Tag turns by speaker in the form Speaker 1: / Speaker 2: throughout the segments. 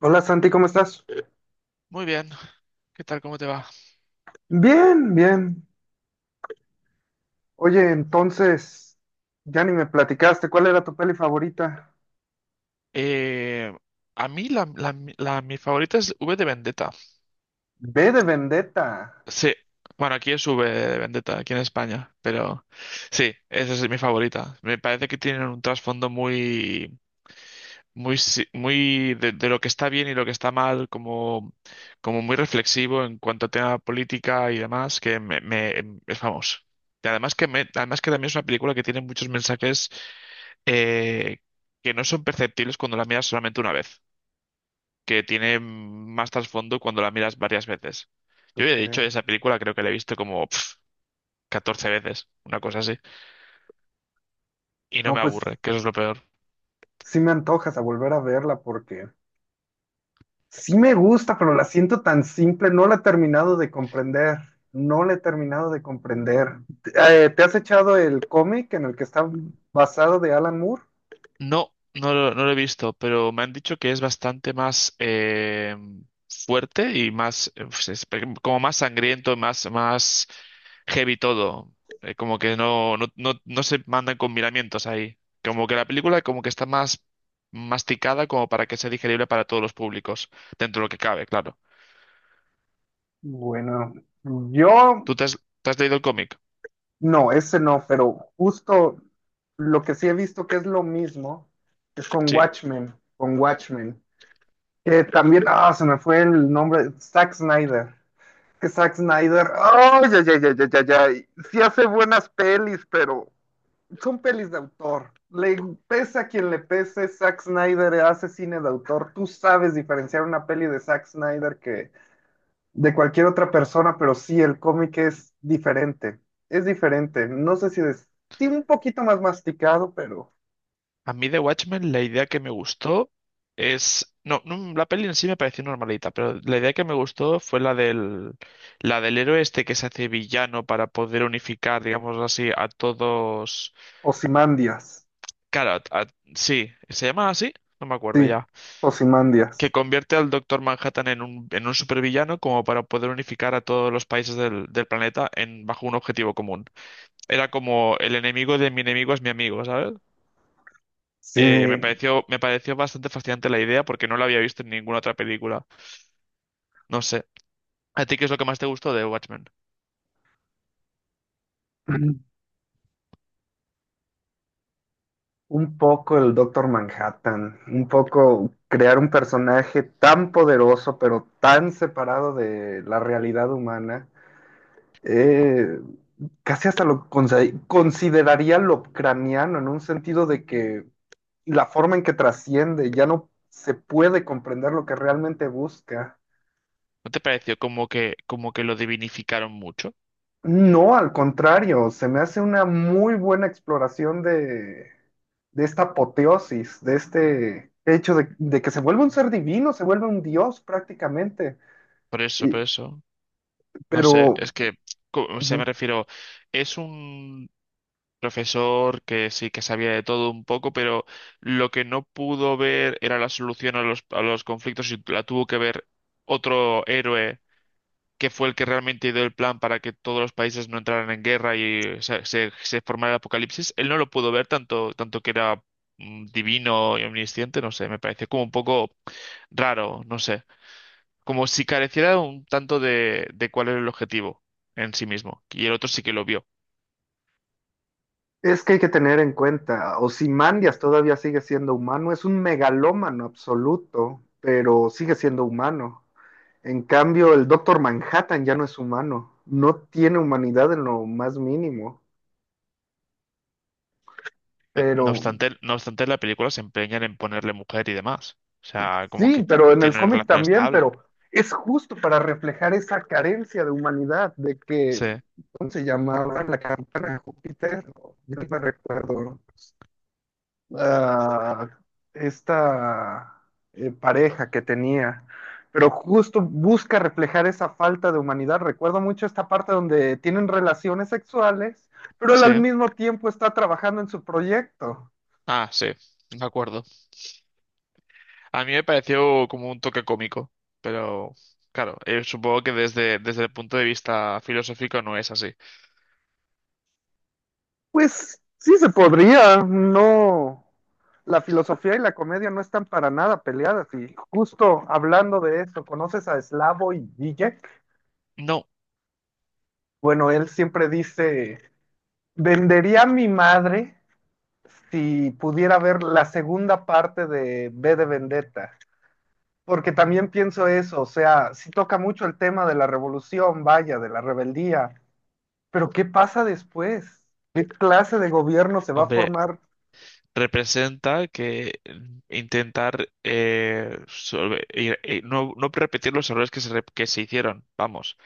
Speaker 1: Hola, Santi, ¿cómo estás?
Speaker 2: Muy bien. ¿Qué tal? ¿Cómo te va?
Speaker 1: Bien, bien. Oye, entonces, ya ni me platicaste, ¿cuál era tu peli favorita?
Speaker 2: Eh, a mí la, la- la- Mi favorita es V de Vendetta.
Speaker 1: Ve de Vendetta.
Speaker 2: Sí. Bueno, aquí es V de Vendetta, aquí en España. Pero sí, esa es mi favorita. Me parece que tienen un trasfondo muy, muy, si- muy de lo que está bien y lo que está mal, como, como muy reflexivo en cuanto a tema política y demás, que es famoso. Y además que también es una película que tiene muchos mensajes eh, que no son perceptibles cuando la miras solamente una vez, que tiene más trasfondo cuando la miras varias veces.
Speaker 1: ¿Tú
Speaker 2: Yo ya he dicho,
Speaker 1: crees?
Speaker 2: esa película creo que la he visto como pf, 14 veces, una cosa así, y no
Speaker 1: No,
Speaker 2: me
Speaker 1: pues
Speaker 2: aburre, que eso es lo peor.
Speaker 1: sí me antojas a volver a verla porque sí me gusta, pero la siento tan simple, no la he terminado de comprender. ¿Te has echado el cómic en el que está basado de Alan Moore?
Speaker 2: No, no lo he visto, pero me han dicho que es bastante más fuerte y más, pues como más sangriento, más, más heavy todo. Como que no se mandan con miramientos ahí. Como que la película como que está más masticada como para que sea digerible para todos los públicos, dentro de lo que cabe, claro.
Speaker 1: Bueno, yo.
Speaker 2: ¿Tú te has, ¿te has leído el cómic?
Speaker 1: No, ese no, pero justo lo que sí he visto que es lo mismo es con
Speaker 2: Sí.
Speaker 1: Watchmen. Que también, ah, se me fue el nombre, Zack Snyder. Que Zack Snyder, ay, ya, ya, ya, ya, ya, ya. Sí hace buenas pelis, pero son pelis de autor. Le pese a quien le pese, Zack Snyder hace cine de autor. Tú sabes diferenciar una peli de Zack Snyder que de cualquier otra persona, pero sí, el cómic es diferente. Es diferente. No sé si es, sí, un poquito más masticado, pero
Speaker 2: A mí de Watchmen la idea que me gustó es... No, no, la peli en sí me pareció normalita, pero la idea que me gustó fue la del héroe este que se hace villano para poder unificar, digamos así, a todos...
Speaker 1: Ozymandias.
Speaker 2: Claro, sí, ¿se llama así? No me acuerdo
Speaker 1: Sí,
Speaker 2: ya. Que
Speaker 1: Ozymandias.
Speaker 2: convierte al Doctor Manhattan en un supervillano como para poder unificar a todos los países del planeta en, bajo un objetivo común. Era como el enemigo de mi enemigo es mi amigo, ¿sabes?
Speaker 1: Sí,
Speaker 2: Me pareció bastante fascinante la idea porque no la había visto en ninguna otra película. No sé. ¿A ti qué es lo que más te gustó de Watchmen?
Speaker 1: un poco el Doctor Manhattan, un poco crear un personaje tan poderoso, pero tan separado de la realidad humana. Eh, Casi hasta lo consideraría Lovecraniano en un sentido de que y la forma en que trasciende, ya no se puede comprender lo que realmente busca.
Speaker 2: ¿No te pareció como que lo divinificaron mucho?
Speaker 1: No, al contrario, se me hace una muy buena exploración de esta apoteosis, de este hecho de que se vuelve un ser divino, se vuelve un dios prácticamente.
Speaker 2: Por eso, por
Speaker 1: Y,
Speaker 2: eso. No sé,
Speaker 1: pero
Speaker 2: es que, o sea, me
Speaker 1: ujú,
Speaker 2: refiero, es un profesor que sí que sabía de todo un poco, pero lo que no pudo ver era la solución a a los conflictos y la tuvo que ver otro héroe que fue el que realmente dio el plan para que todos los países no entraran en guerra y se formara el apocalipsis, él no lo pudo ver tanto, tanto que era divino y omnisciente, no sé, me parece como un poco raro, no sé, como si careciera un tanto de cuál era el objetivo en sí mismo, y el otro sí que lo vio.
Speaker 1: es que hay que tener en cuenta, Ozymandias todavía sigue siendo humano, es un megalómano absoluto, pero sigue siendo humano. En cambio, el Doctor Manhattan ya no es humano, no tiene humanidad en lo más mínimo, pero
Speaker 2: No obstante, la película se empeñan en ponerle mujer y demás, o sea, como
Speaker 1: sí,
Speaker 2: que
Speaker 1: pero en el
Speaker 2: tiene una
Speaker 1: cómic
Speaker 2: relación
Speaker 1: también, pero
Speaker 2: estable.
Speaker 1: es justo para reflejar esa carencia de humanidad, de
Speaker 2: Sí,
Speaker 1: que, ¿cómo se llamaba la campana de Júpiter? No, yo no me recuerdo. Ah, esta pareja que tenía, pero justo busca reflejar esa falta de humanidad. Recuerdo mucho esta parte donde tienen relaciones sexuales, pero él
Speaker 2: sí,
Speaker 1: al mismo tiempo está trabajando en su proyecto.
Speaker 2: ah, sí, de acuerdo. A mí me pareció como un toque cómico, pero claro, supongo que desde, desde el punto de vista filosófico no es así.
Speaker 1: Pues sí se podría, no. La filosofía y la comedia no están para nada peleadas. Y justo hablando de esto, ¿conoces a Slavoj Žižek?
Speaker 2: No,
Speaker 1: Bueno, él siempre dice, vendería a mi madre si pudiera ver la segunda parte de B de Vendetta, porque también pienso eso, o sea, si toca mucho el tema de la revolución, vaya, de la rebeldía, pero ¿qué pasa después? ¿Qué clase de gobierno se va a
Speaker 2: hombre,
Speaker 1: formar?
Speaker 2: representa que intentar y no, no repetir los errores que se hicieron, vamos.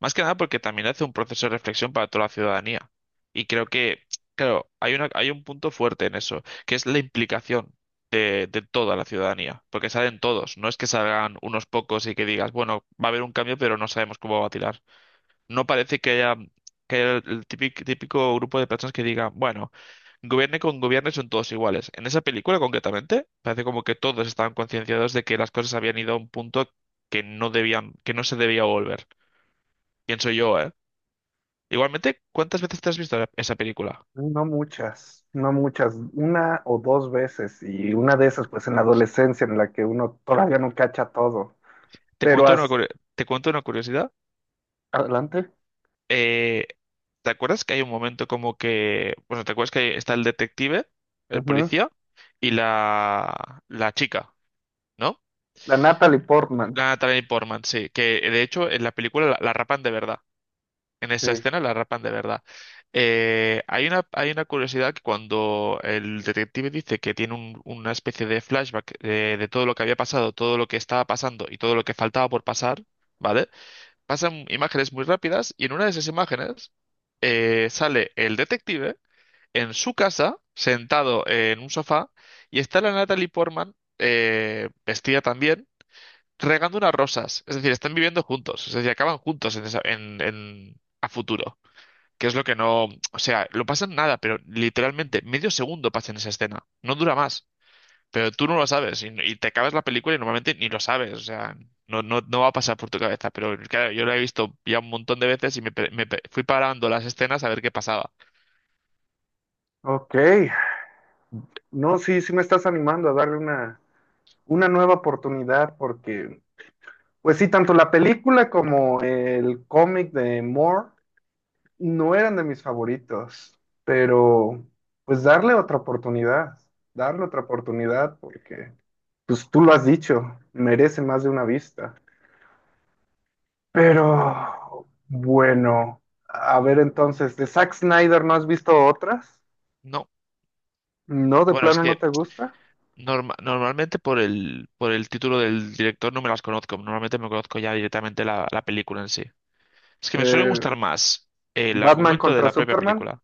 Speaker 2: Más que nada porque también hace un proceso de reflexión para toda la ciudadanía. Y creo que, claro, hay hay un punto fuerte en eso, que es la implicación de toda la ciudadanía, porque salen todos, no es que salgan unos pocos y que digas, bueno, va a haber un cambio, pero no sabemos cómo va a tirar. No parece que que haya el típico, típico grupo de personas que diga, bueno, gobierne con gobierne son todos iguales. En esa película concretamente, parece como que todos estaban concienciados de que las cosas habían ido a un punto que no debían, que no se debía volver. Pienso yo, ¿eh? Igualmente, ¿cuántas veces te has visto esa película?
Speaker 1: No muchas, no muchas, una o dos veces, y una de esas pues en la adolescencia en la que uno todavía no cacha todo,
Speaker 2: Te
Speaker 1: pero
Speaker 2: cuento una,
Speaker 1: hasta...
Speaker 2: curio- te cuento una curiosidad.
Speaker 1: Adelante.
Speaker 2: eh, ¿Te acuerdas que hay un momento como que, bueno, ¿te acuerdas que está el detective, el
Speaker 1: Ujú.
Speaker 2: policía y la chica, ¿no?
Speaker 1: La Natalie Portman.
Speaker 2: La Natalie Portman, sí, que de hecho en la película la rapan de verdad. En esa
Speaker 1: Sí.
Speaker 2: escena la rapan de verdad. Hay hay una curiosidad que cuando el detective dice que tiene una especie de flashback de todo lo que había pasado, todo lo que estaba pasando y todo lo que faltaba por pasar, ¿vale? Pasan imágenes muy rápidas y en una de esas imágenes sale el detective en su casa, sentado en un sofá, y está la Natalie Portman, vestida también, regando unas rosas. Es decir, están viviendo juntos, es decir, acaban juntos en a futuro. Que es lo que no. O sea, lo pasan nada, pero literalmente medio segundo pasa en esa escena. No dura más. Pero tú no lo sabes y te acabas la película y normalmente ni lo sabes, o sea, no va a pasar por tu cabeza, pero claro, yo la he visto ya un montón de veces y fui parando las escenas a ver qué pasaba.
Speaker 1: Ok. No, sí, sí me estás animando a darle una nueva oportunidad porque, pues sí, tanto la película como el cómic de Moore no eran de mis favoritos, pero pues darle otra oportunidad porque, pues tú lo has dicho, merece más de una vista. Pero, bueno, a ver entonces, ¿de Zack Snyder no has visto otras?
Speaker 2: No,
Speaker 1: ¿No, de
Speaker 2: bueno, es
Speaker 1: plano no
Speaker 2: que
Speaker 1: te gusta?
Speaker 2: normalmente por por el título del director no me las conozco, normalmente me conozco ya directamente la película en sí. Es que me suele
Speaker 1: Eh,
Speaker 2: gustar más el
Speaker 1: ¿Batman
Speaker 2: argumento de
Speaker 1: contra
Speaker 2: la propia
Speaker 1: Superman?
Speaker 2: película.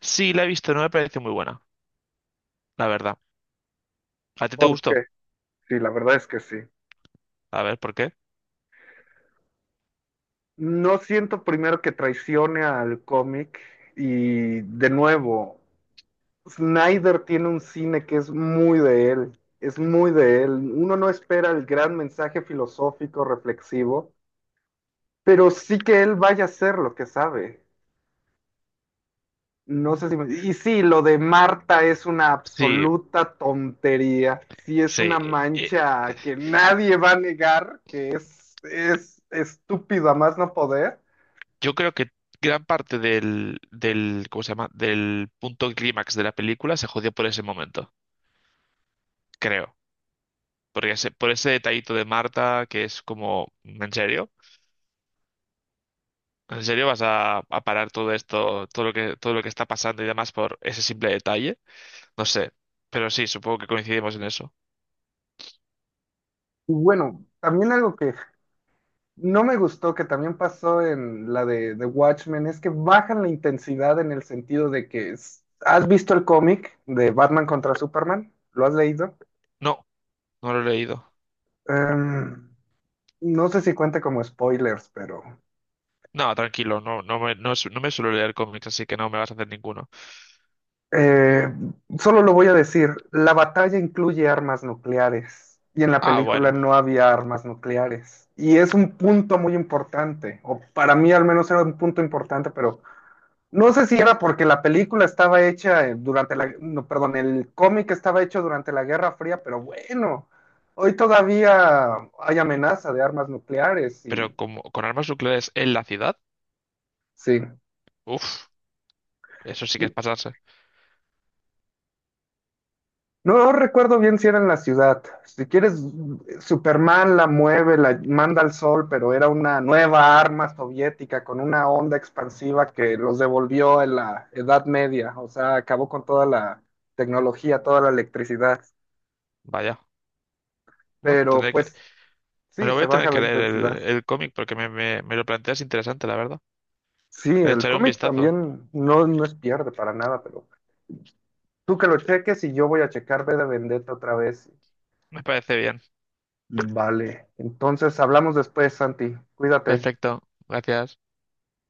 Speaker 2: Sí, la he visto, no me parece muy buena, la verdad. ¿A ti te
Speaker 1: ¿Por
Speaker 2: gustó?
Speaker 1: qué? Sí, la verdad es que sí.
Speaker 2: A ver, ¿por qué?
Speaker 1: No siento primero que traicione al cómic y de nuevo, Snyder tiene un cine que es muy de él, es muy de él. Uno no espera el gran mensaje filosófico, reflexivo, pero sí que él vaya a hacer lo que sabe. No sé si me... Y sí, lo de Marta es una
Speaker 2: Sí,
Speaker 1: absoluta tontería, sí es
Speaker 2: sí.
Speaker 1: una
Speaker 2: E,
Speaker 1: mancha que nadie va a negar, que es estúpido a más no poder.
Speaker 2: yo creo que gran parte del ¿cómo se llama? Del punto clímax de la película se jodió por ese momento, creo. Porque por ese detallito de Marta, que es como, ¿en serio? ¿En serio vas a parar todo esto, todo lo que está pasando y demás por ese simple detalle? No sé. Pero sí, supongo que coincidimos en eso.
Speaker 1: Y bueno, también algo que no me gustó que también pasó en la de Watchmen, es que bajan la intensidad en el sentido de que es... ¿Has visto el cómic de Batman contra Superman? Lo has leído.
Speaker 2: No, no lo he leído.
Speaker 1: Em, no sé si cuenta como spoilers, pero
Speaker 2: No, tranquilo, no me suelo leer cómics, así que no me vas a hacer ninguno.
Speaker 1: eh, solo lo voy a decir, la batalla incluye armas nucleares y en la
Speaker 2: Ah,
Speaker 1: película
Speaker 2: bueno.
Speaker 1: no había armas nucleares. Y es un punto muy importante, o para mí al menos era un punto importante, pero... No sé si era porque la película estaba hecha durante la, no, perdón, el cómic estaba hecho durante la Guerra Fría, pero bueno, hoy todavía hay amenaza de armas nucleares
Speaker 2: Pero
Speaker 1: y
Speaker 2: como, con armas nucleares en la ciudad,
Speaker 1: sí.
Speaker 2: uff, eso sí que es pasarse.
Speaker 1: No, no recuerdo bien si era en la ciudad. Si quieres, Superman la mueve, la manda al sol, pero era una nueva arma soviética con una onda expansiva que los devolvió en la Edad Media, o sea, acabó con toda la tecnología, toda la electricidad.
Speaker 2: Vaya. Bueno,
Speaker 1: Pero pues
Speaker 2: me
Speaker 1: sí,
Speaker 2: lo voy
Speaker 1: se
Speaker 2: a tener
Speaker 1: baja la
Speaker 2: que leer
Speaker 1: intensidad.
Speaker 2: el cómic porque me lo planteas interesante, la verdad.
Speaker 1: Sí,
Speaker 2: Le
Speaker 1: el
Speaker 2: echaré un
Speaker 1: cómic
Speaker 2: vistazo.
Speaker 1: también no, no es pierde para nada, pero tú que lo cheques y yo voy a checar B de Vendetta otra vez.
Speaker 2: Me parece bien.
Speaker 1: Vale, entonces hablamos después, Santi. Cuídate.
Speaker 2: Perfecto. Gracias.